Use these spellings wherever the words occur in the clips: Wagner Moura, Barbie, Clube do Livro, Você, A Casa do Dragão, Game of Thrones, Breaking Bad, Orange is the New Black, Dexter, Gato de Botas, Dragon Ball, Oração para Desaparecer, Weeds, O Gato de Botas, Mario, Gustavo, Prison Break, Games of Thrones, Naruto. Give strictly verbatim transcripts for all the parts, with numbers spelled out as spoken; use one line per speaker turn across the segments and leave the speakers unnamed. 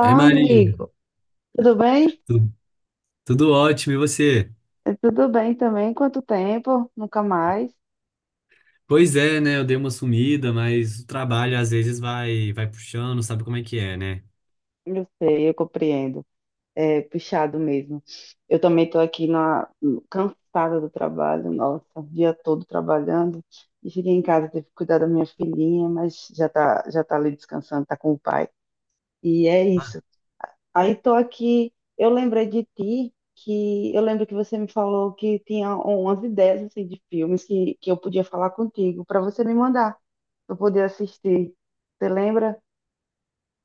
Ei, Maria,
amigo. Tudo bem?
tu- tudo ótimo, e você?
Eh, Tudo bem também. Quanto tempo? Nunca mais.
Pois é, né? Eu dei uma sumida, mas o trabalho às vezes vai, vai puxando, sabe como é que é, né?
Eu sei, eu compreendo. É puxado mesmo. Eu também estou aqui, na, cansada do trabalho, nossa, o dia todo trabalhando. E cheguei em casa, tive que cuidar da minha filhinha, mas já está já tá ali descansando, está com o pai. E é isso. Aí tô aqui, eu lembrei de ti, que eu lembro que você me falou que tinha umas ideias assim, de filmes que, que eu podia falar contigo, para você me mandar, para eu poder assistir. Você lembra?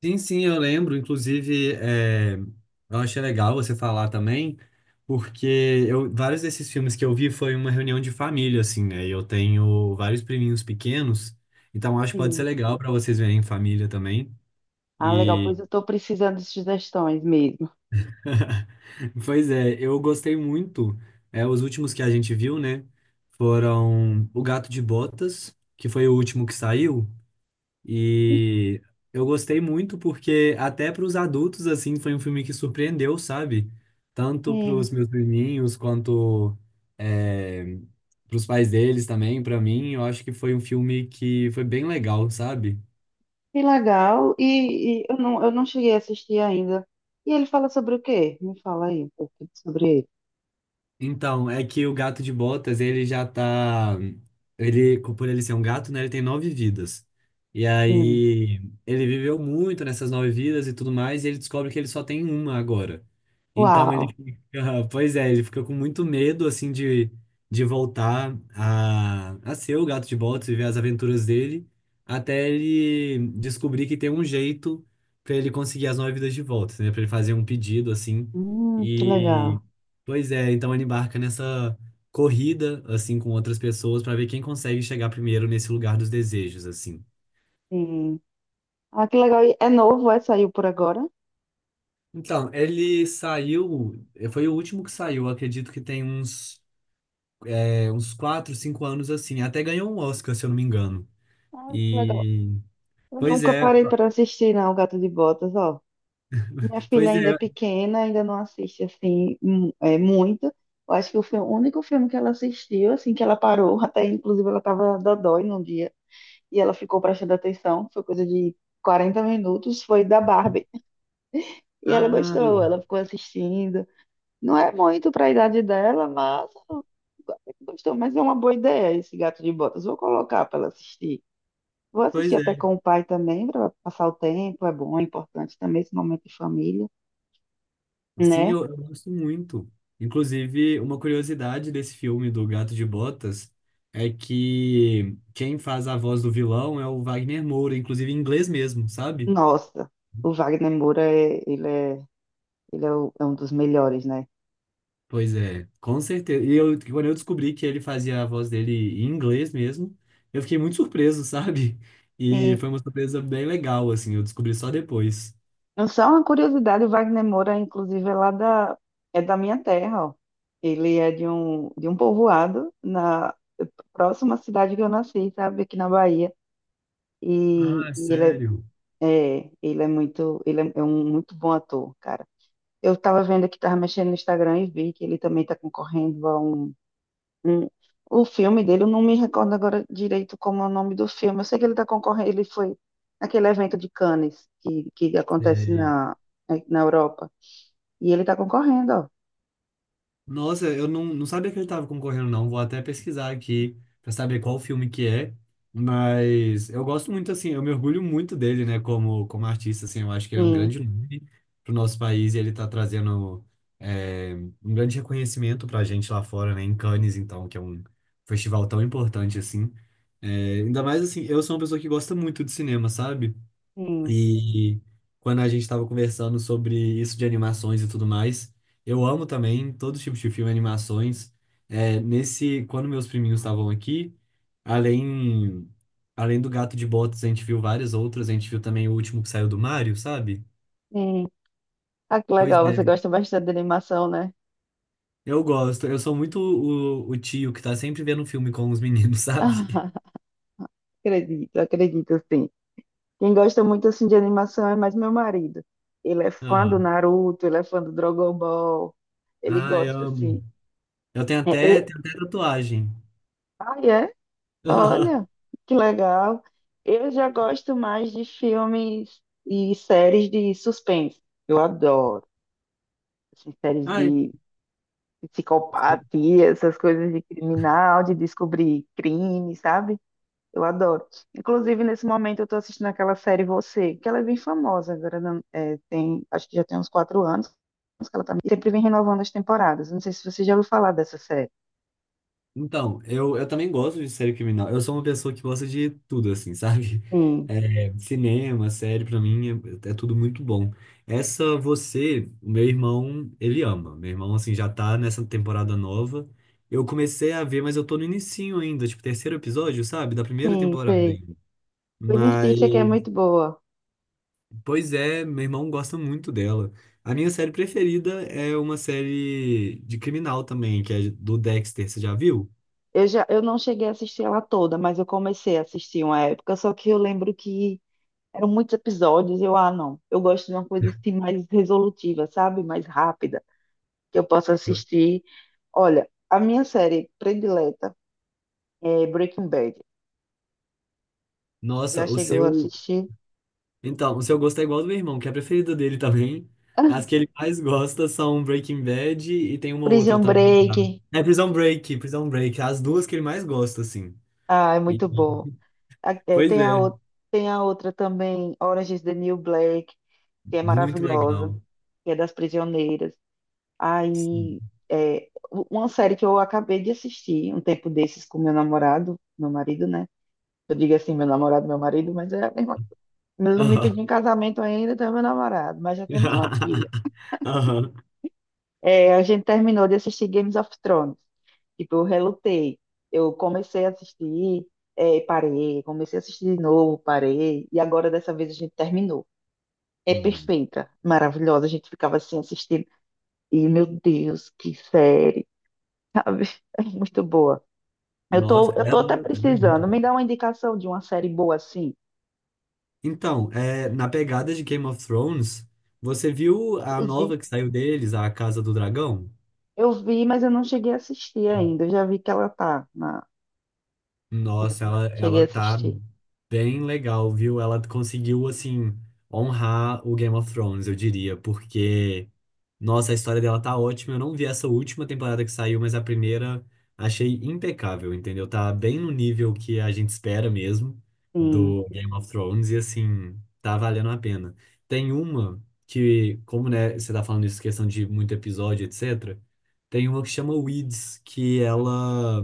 Sim, sim, eu lembro. Inclusive, é, eu achei legal você falar também, porque eu, vários desses filmes que eu vi foi uma reunião de família, assim, né? E eu tenho vários priminhos pequenos, então acho que pode ser
Sim.
legal para vocês verem em família também.
Ah, legal, pois eu estou precisando de sugestões mesmo.
Pois é, eu gostei muito. É, os últimos que a gente viu, né? Foram O Gato de Botas, que foi o último que saiu. E eu gostei muito porque até para os adultos, assim, foi um filme que surpreendeu, sabe? Tanto para
Sim,
os meus priminhos quanto é, para os pais deles também, para mim. Eu acho que foi um filme que foi bem legal, sabe?
que legal. E, e eu não, eu não cheguei a assistir ainda. E ele fala sobre o quê? Me fala aí um pouco sobre ele.
Então, é que o gato de botas, ele já tá. Ele, por ele ser um gato, né? Ele tem nove vidas. E
Sim.
aí, ele viveu muito nessas nove vidas e tudo mais, e ele descobre que ele só tem uma agora. Então, ele
Uau.
fica. Pois é, ele fica com muito medo, assim, de, de voltar a, a ser o gato de botas, viver as aventuras dele, até ele descobrir que tem um jeito pra ele conseguir as nove vidas de volta, né? Pra ele fazer um pedido, assim.
Hum, que legal.
e Pois é, então ele embarca nessa corrida, assim, com outras pessoas para ver quem consegue chegar primeiro nesse lugar dos desejos, assim.
Sim. Ah, que legal. E é novo, é? Saiu por agora?
Então, ele saiu, foi o último que saiu, eu acredito que tem uns, é, uns quatro cinco anos, assim. Até ganhou um Oscar, se eu não me engano.
Ah, que legal.
E,
Eu
pois
nunca
é,
parei para assistir, não, Gato de Botas, ó. Minha filha
pois
ainda é
é.
pequena, ainda não assiste, assim, mu- é, muito. Eu acho que o filme- o único filme que ela assistiu, assim, que ela parou, até inclusive ela tava dodói num dia, e ela ficou prestando atenção, foi coisa de quarenta minutos, foi da Barbie. E ela
Ah,
gostou, ela ficou assistindo. Não é muito para a idade dela, mas ela gostou, mas é uma boa ideia esse Gato de Botas. Vou colocar para ela assistir. Vou
pois
assistir
é.
até com o pai também, para passar o tempo, é bom, é importante também esse momento de família,
Sim,
né?
eu, eu gosto muito. Inclusive, uma curiosidade desse filme do Gato de Botas é que quem faz a voz do vilão é o Wagner Moura, inclusive em inglês mesmo, sabe?
Nossa, o Wagner Moura, é, ele, é, ele é, o- é um dos melhores, né?
Pois é, com certeza. E eu, quando eu descobri que ele fazia a voz dele em inglês mesmo, eu fiquei muito surpreso, sabe? E
E
foi uma surpresa bem legal, assim, eu descobri só depois.
só uma curiosidade, o Wagner Moura, inclusive, é lá da, é da minha terra, ó. Ele é de um, de um povoado na próxima cidade que eu nasci, sabe? Aqui na Bahia. E,
Ah,
e ele
sério?
é, é, ele é muito, ele é é um muito bom ator, cara. Eu estava vendo aqui, tava mexendo no Instagram e vi que ele também tá concorrendo a um, um- o filme dele. Eu não me recordo agora direito como é o nome do filme. Eu sei que ele tá concorrendo, ele foi naquele evento de Cannes que, que acontece
sei
na, é, na Europa. E ele tá concorrendo, ó.
Nossa, eu não, não sabia que ele estava concorrendo, não. Vou até pesquisar aqui para saber qual filme que é. Mas eu gosto muito, assim, eu me orgulho muito dele, né, como, como artista, assim. Eu acho que ele é um
Sim,
grande nome pro nosso país e ele tá trazendo é, um grande reconhecimento pra gente lá fora, né, em Cannes, então, que é um festival tão importante, assim. É, ainda mais, assim, eu sou uma pessoa que gosta muito de cinema, sabe?
sim,
E quando a gente estava conversando sobre isso de animações e tudo mais, eu amo também todo tipos de filme, animações. É, nesse, quando meus priminhos estavam aqui, além, além do Gato de Botas, a gente viu várias outras. A gente viu também o último que saiu do Mario, sabe?
sim. Ah, que
Pois
legal,
é,
você gosta bastante de animação, né?
eu gosto. Eu sou muito o, o tio que tá sempre vendo um filme com os meninos, sabe?
Ah, acredito, acredito, sim. Quem gosta muito, assim, de animação é mais meu marido. Ele é fã
Ah,
do Naruto, ele é fã do Dragon Ball. Ele
ai,
gosta, assim.
amo. Eu tenho
É,
até,
é-
tenho até tatuagem.
ah, é? Olha, que legal. Eu já gosto mais de filmes e séries de suspense. Eu adoro. Assim, séries
Ai,
de psicopatia, essas coisas de criminal, de descobrir crime, sabe? Eu adoro. Inclusive, nesse momento, eu estou assistindo aquela série Você, que ela é bem famosa agora. Não- é, tem, acho que já tem uns quatro anos que ela tá, sempre vem renovando as temporadas. Não sei se você já ouviu falar dessa série.
Então, eu, eu também gosto de série criminal. Eu sou uma pessoa que gosta de tudo, assim, sabe?
Sim,
É, cinema, série, pra mim, é, é tudo muito bom. Essa, Você, o meu irmão, ele ama. Meu irmão, assim, já tá nessa temporada nova. Eu comecei a ver, mas eu tô no inicinho ainda, tipo, terceiro episódio, sabe? Da primeira
sim,
temporada
sei.
ainda.
Pois
Mas,
insista que é muito boa.
pois é, meu irmão gosta muito dela. A minha série preferida é uma série de criminal também, que é do Dexter, você já viu?
Eu já, eu não cheguei a assistir ela toda, mas eu comecei a assistir uma época, só que eu lembro que eram muitos episódios e eu, ah, não, eu gosto de uma coisa assim mais resolutiva, sabe? Mais rápida, que eu possa assistir. Olha, a minha série predileta é Breaking Bad. Já
Nossa, o
chegou a
seu,
assistir?
Então, o seu gosto é igual ao do meu irmão, que é a preferida dele também. As que ele mais gosta são Breaking Bad e tem uma outra
Prison
também. Sabe?
Break.
É Prison Break, Prison Break. As duas que ele mais gosta, assim.
Ah, é
E-
muito bom. A- é,
Pois
Tem a,
é,
ou- tem a outra também, Orange is the New Black, que é
muito
maravilhosa,
legal.
que é das prisioneiras. Aí,
Sim.
é, uma série que eu acabei de assistir um tempo desses com meu namorado, meu marido, né? Eu digo assim, meu namorado, meu marido, mas é a mesma. Ele não me
Aham.
pediu em casamento ainda, então é meu namorado, mas já temos uma filha.
Aham.
É, a gente terminou de assistir Games of Thrones. Tipo, eu relutei. Eu comecei a assistir, é, parei, comecei a assistir de novo, parei, e agora dessa vez a gente terminou. É
Hum.
perfeita, maravilhosa. A gente ficava assim assistindo, e meu Deus, que série, sabe? É muito boa. Eu tô,
Nossa,
eu
ela,
tô até
ela é muito
precisando.
boa.
Me dá uma indicação de uma série boa assim.
Então, é, na pegada de Game of Thrones, você viu a
Eu vi,
nova que saiu deles, A Casa do Dragão?
eu vi, mas eu não cheguei a assistir ainda. Eu já vi que ela tá na, mas
Nossa,
eu não
ela,
cheguei a
ela tá
assistir.
bem legal, viu? Ela conseguiu, assim, honrar o Game of Thrones, eu diria, porque nossa, a história dela tá ótima. Eu não vi essa última temporada que saiu, mas a primeira achei impecável, entendeu? Tá bem no nível que a gente espera mesmo
Sim,
do Game of Thrones e assim, tá valendo a pena. Tem uma que, como né, você tá falando isso, questão de muito episódio, etcétera. Tem uma que chama Weeds, que ela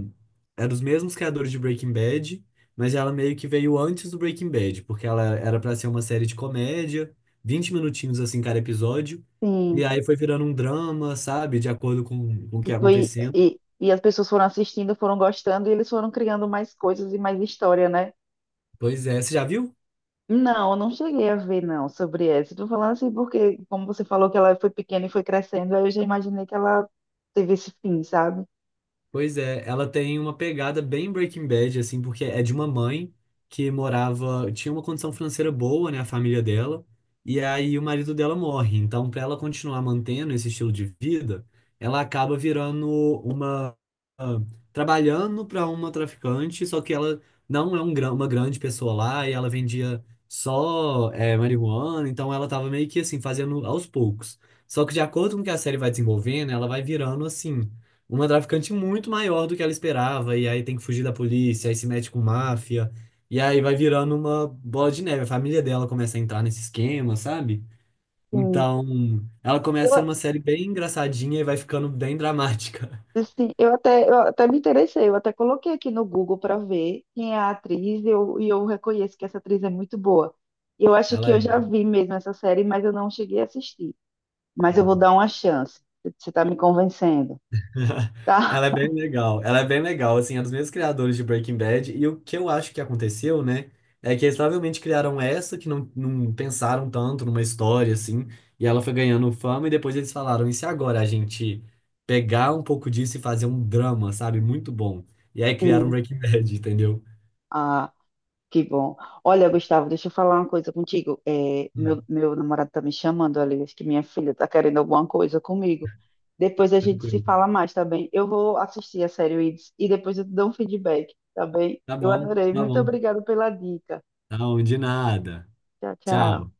é dos mesmos criadores de Breaking Bad, mas ela meio que veio antes do Breaking Bad, porque ela era pra ser uma série de comédia, vinte minutinhos assim cada episódio. E
sim.
aí foi virando um drama, sabe? De acordo com, com o que
E
ia
foi
acontecendo.
e, e as pessoas foram assistindo, foram gostando e eles foram criando mais coisas e mais história, né?
Pois é, você já viu?
Não, eu não cheguei a ver não sobre essa. Tô falando assim porque como você falou que ela foi pequena e foi crescendo, aí eu já imaginei que ela teve esse fim, sabe?
Pois é, ela tem uma pegada bem Breaking Bad, assim, porque é de uma mãe que morava, tinha uma condição financeira boa, né, a família dela, e aí o marido dela morre. Então, para ela continuar mantendo esse estilo de vida, ela acaba virando uma, ah, trabalhando para uma traficante, só que ela não é um, gran- uma grande pessoa lá, e ela vendia só, é marihuana, então ela tava meio que, assim, fazendo aos poucos. Só que de acordo com que a série vai desenvolvendo, ela vai virando, assim uma traficante muito maior do que ela esperava, e aí tem que fugir da polícia, aí se mete com máfia, e aí vai virando uma bola de neve. A família dela começa a entrar nesse esquema, sabe?
Sim.
Então, ela começa a ser uma série bem engraçadinha e vai ficando bem dramática.
Assim, eu até, eu até me interessei, eu até coloquei aqui no Google para ver quem é a atriz e eu, e eu reconheço que essa atriz é muito boa. Eu acho que
Ela
eu já
é.
vi mesmo essa série, mas eu não cheguei a assistir. Mas eu vou
Uhum.
dar uma chance. Você está me convencendo, tá?
Ela é bem legal. Ela é bem legal, assim, é dos mesmos criadores de Breaking Bad. E o que eu acho que aconteceu, né, é que eles provavelmente criaram essa que não, não pensaram tanto numa história, assim, e ela foi ganhando fama. E depois eles falaram: e se agora a gente pegar um pouco disso e fazer um drama, sabe? Muito bom. E aí criaram
Sim.
Breaking Bad, entendeu?
Que bom. Olha, Gustavo, deixa eu falar uma coisa contigo. É,
Hum,
meu, meu namorado tá me chamando ali, acho que minha filha tá querendo alguma coisa comigo. Depois a gente se
tranquilo.
fala mais, tá bem? Eu vou assistir a série Weeds e depois eu te dou um feedback, tá bem?
Tá
Eu
bom,
adorei.
tá
Muito
bom.
obrigada pela dica.
Não, de nada.
Tchau, tchau.
Tchau.